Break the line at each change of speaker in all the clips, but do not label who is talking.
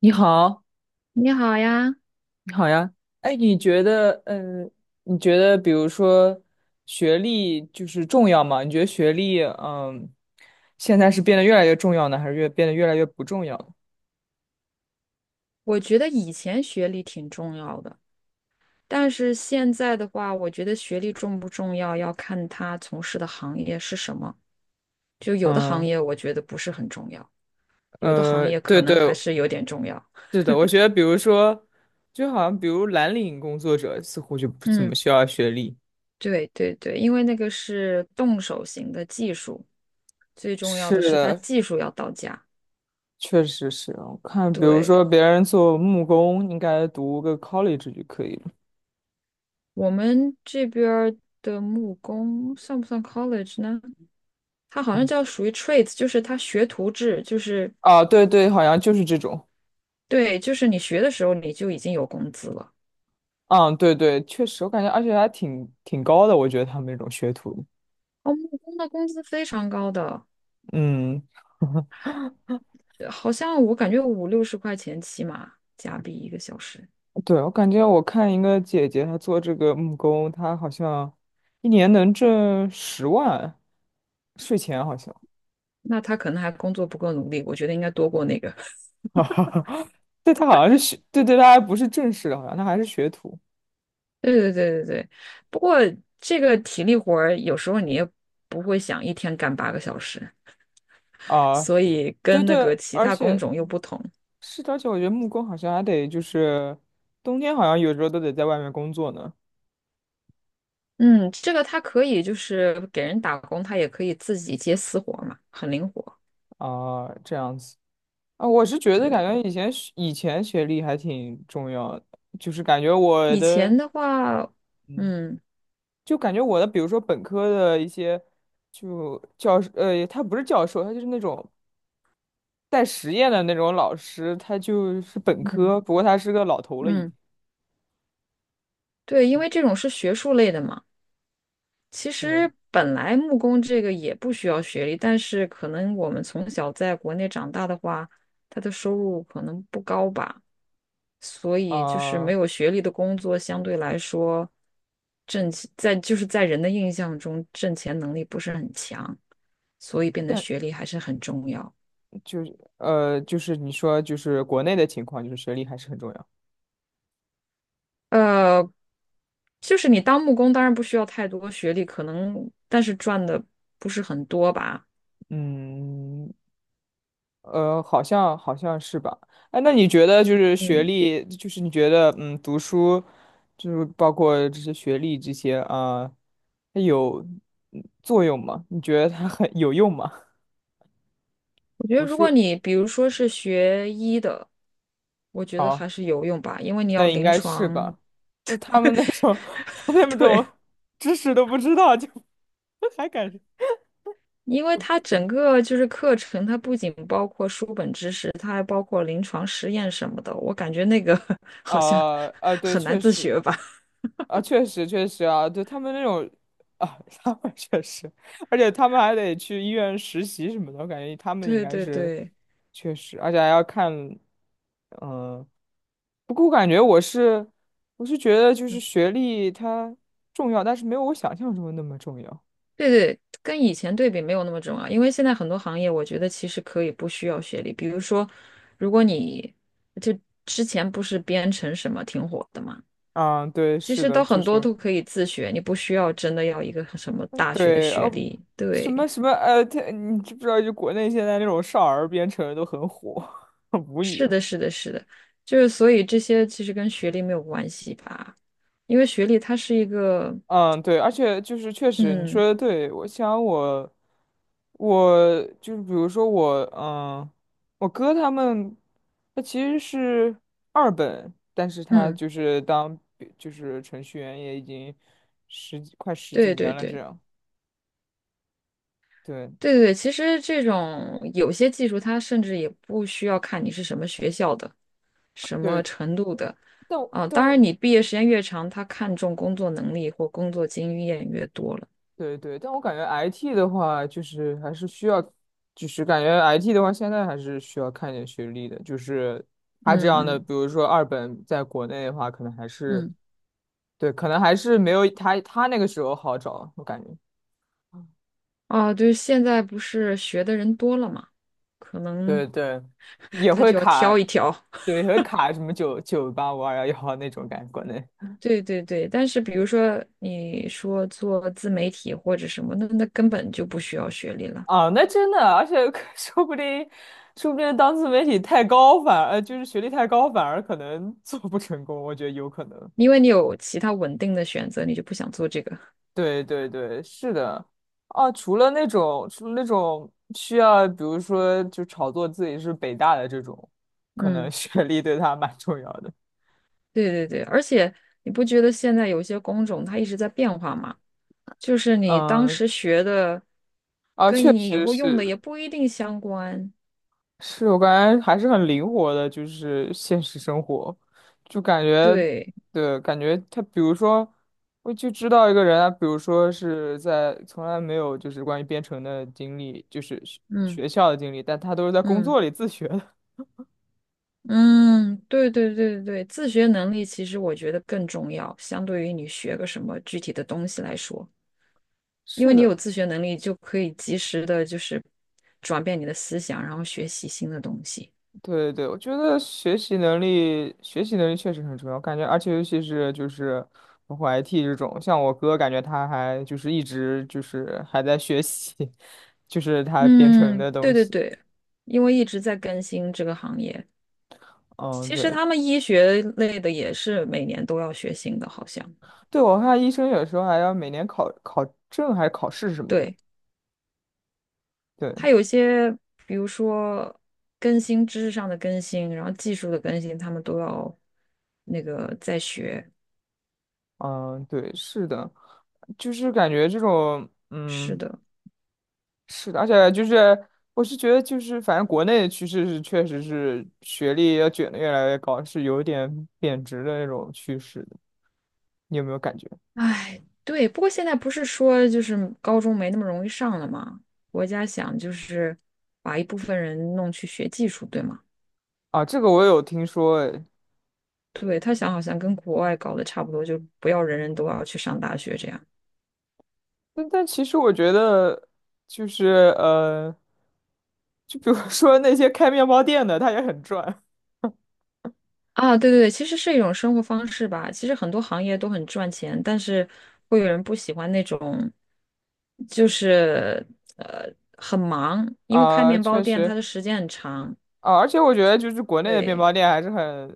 你好，
你好呀，
你好呀。哎，你觉得，比如说，学历就是重要吗？你觉得学历，现在是变得越来越重要呢，还是变得越来越不重要了。
我觉得以前学历挺重要的，但是现在的话，我觉得学历重不重要要看他从事的行业是什么。就有的行
嗯。
业我觉得不是很重要，有的行业可
对对，
能还是有点重要。
是的，我觉得，比如说，就好像比如蓝领工作者似乎就不怎么
嗯，
需要学历。
对对对，因为那个是动手型的技术，最重要的
是
是它
的，
技术要到家。
确实是。我看，比如说
对，
别人做木工，应该读个 college 就可以了。
我们这边儿的木工算不算 college 呢？它好像叫属于 trades，就是它学徒制，就是。
啊，对对，好像就是这种。
对，就是你学的时候你就已经有工资了。
嗯，对对，确实，我感觉而且还挺高的，我觉得他们那种学徒。
哦，木工的工资非常高的，
嗯。
好像我感觉五六十块钱起码加币一个小时。
对，我感觉我看一个姐姐，她做这个木工，她好像一年能挣10万，税前好像。
那他可能还工作不够努力，我觉得应该多过那个。
对，她好像是学，对对，她还不是正式的，好像她还是学徒
对对对对对。不过这个体力活儿有时候你也不会想一天干8个小时，
啊。
所以
对
跟那
对，
个其
而
他工
且
种又不同。
是的，而且我觉得木工好像还得就是冬天好像有时候都得在外面工作呢。
嗯，这个他可以就是给人打工，他也可以自己接私活儿嘛，很灵活。
啊，这样子。啊，我是觉
对
得
对
感觉
对，
以前学历还挺重要的，就是感觉我
以
的。
前的话。
嗯
嗯，
就感觉我的，比如说本科的一些，就教授，他不是教授，他就是那种带实验的那种老师，他就是本
嗯
科，不过他是个老头了已经。
嗯，对，因为这种是学术类的嘛。其
对，
实本来木工这个也不需要学历，但是可能我们从小在国内长大的话，他的收入可能不高吧，所以就是没
啊、
有学历的工作相对来说挣钱在就是在人的印象中挣钱能力不是很强，所以变得学
但
历还是很重要。
就是就是你说就是国内的情况，就是学历还是很重要。
呃，就是你当木工当然不需要太多学历，可能但是赚的不是很多吧。
嗯。好像是吧？哎，那你觉得就是学
嗯。
历，就是你觉得读书，就是包括这些学历这些啊，它有作用吗？你觉得它很 有用吗？
我觉得，
读
如果
书。
你比如说是学医的，我觉得
哦，
还是有用吧，因为你要
那应
临
该是
床，
吧？那他们那种，他们 那
对，
种知识都不知道，就 还敢
因为它整个就是课程，它不仅包括书本知识，它还包括临床实验什么的。我感觉那个 好像
啊啊。对，
很难
确
自
实。
学吧。
啊，确实确实啊，对他们那种啊，他们确实，而且他们还得去医院实习什么的，我感觉他们应
对
该
对
是
对，
确实，而且还要看。嗯、不过我感觉我是觉得就是
嗯，
学历它重要，但是没有我想象中的那么重要。
对对，跟以前对比没有那么重要，因为现在很多行业，我觉得其实可以不需要学历。比如说，如果你就之前不是编程什么挺火的嘛。
啊，对，
其
是
实
的，
都
就
很多
是
都可以自学，你不需要真的要一个什么大学的
对
学
哦，
历。
什
对，
么什么他你知不知道就国内现在那种少儿编程都很火，无语
是
了。
的，是的，是的，就是所以这些其实跟学历没有关系吧，因为学历它是一个，
嗯，对，而且就是确实你说
嗯
的对，我想我就是比如说我我哥他们他其实是二本，但是他
嗯，
就是当就是程序员也已经十几快十几
对对
年了这
对
样。对
对对对，其实这种有些技术它甚至也不需要看你是什么学校的、什么
对，
程度的，
但我
啊，
但
当
我
然你毕业时间越长，他看重工作能力或工作经验越多了。
对对，但我感觉 IT 的话，就是还是需要，就是感觉 IT 的话，现在还是需要看一点学历的。就是他
嗯
这样的，
嗯
比如说二本，在国内的话，可能还是
嗯。
对，可能还是没有他那个时候好找，我感觉。
啊，对，现在不是学的人多了嘛，可
对
能
对，也
他
会
就要
卡，
挑一挑。
对，也会卡什么985211那种感觉，国内。
对对对，但是比如说你说做自媒体或者什么，那根本就不需要学历了，
啊，那真的，而且 说不定，说不定当自媒体太高，反而就是学历太高，反而可能做不成功，我觉得有可能。
因为你有其他稳定的选择，你就不想做这个。
对对对，是的，啊，除了那种，需要比如说就炒作自己是北大的这种，可能
嗯，
学历对他蛮重要的。
对对对，而且你不觉得现在有些工种它一直在变化吗？就是你当
嗯。
时学的，
啊，
跟
确
你以
实
后用
是
的
的，
也不一定相关。
是我感觉还是很灵活的，就是现实生活，就感觉，
对，
对，感觉他，比如说，我就知道一个人啊，比如说是在从来没有就是关于编程的经历，就是学
嗯
学校的经历，但他都是在工
嗯。
作里自学的。
嗯，对对对对对，自学能力其实我觉得更重要，相对于你学个什么具体的东西来说，因
是
为你
的。
有自学能力，就可以及时的，就是转变你的思想，然后学习新的东西。
对对对我觉得学习能力，学习能力确实很重要，感觉，而且尤其是就是包括 IT 这种，像我哥，感觉他还就是一直就是还在学习，就是他编程
嗯，
的东
对对
西。
对，因为一直在更新这个行业，
嗯，
其实
对。
他们医学类的也是每年都要学新的，好像。
对，我看医生有时候还要每年考考证还是考试什么的。
对，
对。
它有一些，比如说更新知识上的更新，然后技术的更新，他们都要那个在学。
嗯，对，是的，就是感觉这种。
是
嗯。
的，
是的，而且就是我是觉得就是反正国内的趋势是确实是学历要卷的越来越高，是有点贬值的那种趋势的，你有没有感觉？
哎，对。不过现在不是说就是高中没那么容易上了吗？国家想就是把一部分人弄去学技术，对吗？
啊，这个我有听说诶，
对，他想好像跟国外搞得差不多，就不要人人都要去上大学这样
但其实我觉得就是就比如说那些开面包店的，他也很赚。
啊。对对对，其实是一种生活方式吧。其实很多行业都很赚钱，但是会有人不喜欢那种，就是呃很忙，因为开
啊，
面包
确
店它
实
的时间很长。
啊，而且我觉得就是国内的面
对。
包店还是很，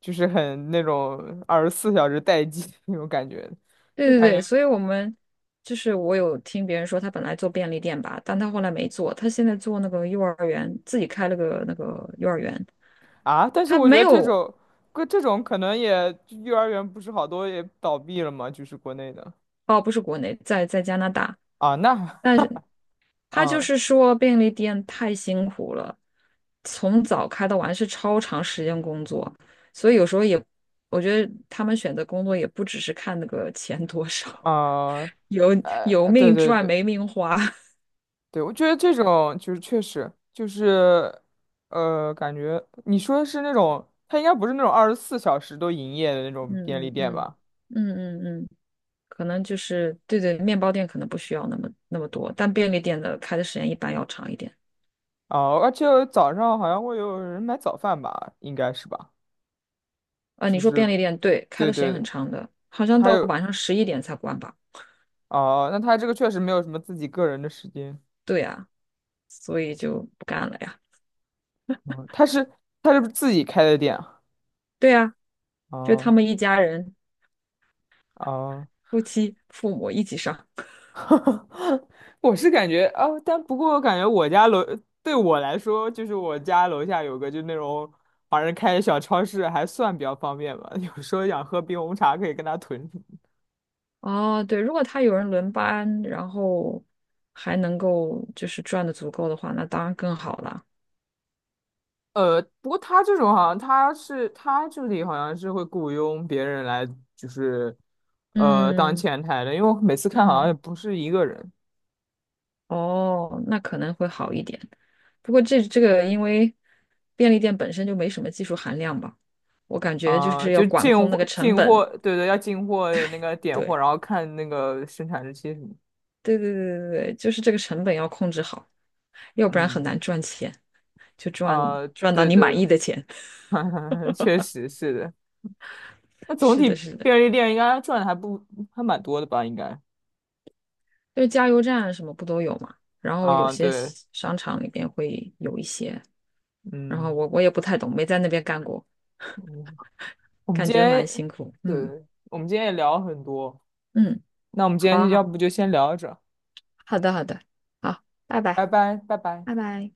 就是很那种二十四小时待机 那种感觉，
对
就
对
感
对，
觉
所以我们就是我有听别人说，他本来做便利店吧，但他后来没做，他现在做那个幼儿园，自己开了个那个幼儿园。
啊，但是
他
我觉
没
得这
有，
种，个这种可能也幼儿园不是好多也倒闭了嘛，就是国内的。
哦，不是国内，在加拿大，
啊，那
但是他就
嗯
是说便利店太辛苦了，从早开到晚是超长时间工作，所以有时候也，我觉得他们选择工作也不只是看那个钱多少，
啊，
有有
对
命
对
赚
对
没命花，
对，我觉得这种就是确实就是，感觉你说的是那种，它应该不是那种二十四小时都营业的那种
嗯
便利
嗯
店
嗯
吧？
嗯嗯嗯。可能就是对对，面包店可能不需要那么那么多，但便利店的开的时间一般要长一点。
啊，而且早上好像会有人买早饭吧，应该是吧？
啊、你
就
说
是
便利店对，开
对
的时
对
间
对，
很长的，好像
还
到
有
晚上11点才关吧？
哦，那他这个确实没有什么自己个人的时间。
对呀、所以就不干了呀。
哦，他是不是自己开的店啊？
对呀、就他
哦
们一家人，
哦。
夫妻、父母一起上。
我是感觉哦，但不过我感觉我家楼对我来说，就是我家楼下有个就那种华人开的小超市，还算比较方便吧。有时候想喝冰红茶，可以跟他囤。
哦，对，如果他有人轮班，然后还能够就是赚的足够的话，那当然更好了。
不过他这种好像他这里好像是会雇佣别人来，就是当
嗯
前台的，因为我每次看好像也
嗯，
不是一个人。
哦，那可能会好一点。不过这个因为便利店本身就没什么技术含量吧，我感觉就
啊、
是要
就
管
进
控那
货
个成
进货，
本。
对对，要进货那个点货，
对，
然后看那个生产日期什么。
对对对对对，就是这个成本要控制好，要不然很
嗯，
难赚钱，就赚
啊，
赚到
对
你满意
对，
的钱。
确实是的。那总
是的，
体
是的，
便利店应该赚的还不还蛮多的吧？应该
就是加油站什么不都有嘛？然后有
啊、
些
对，
商场里边会有一些，然后
嗯
我也不太懂，没在那边干过，
嗯，我们
感
今
觉蛮
天
辛苦。
对，
嗯
我们今天也聊了很多，
嗯，
那我们今
好
天就
啊
要
好，
不就先聊着，
好的好的，好，拜拜。
拜拜，拜拜。
拜拜。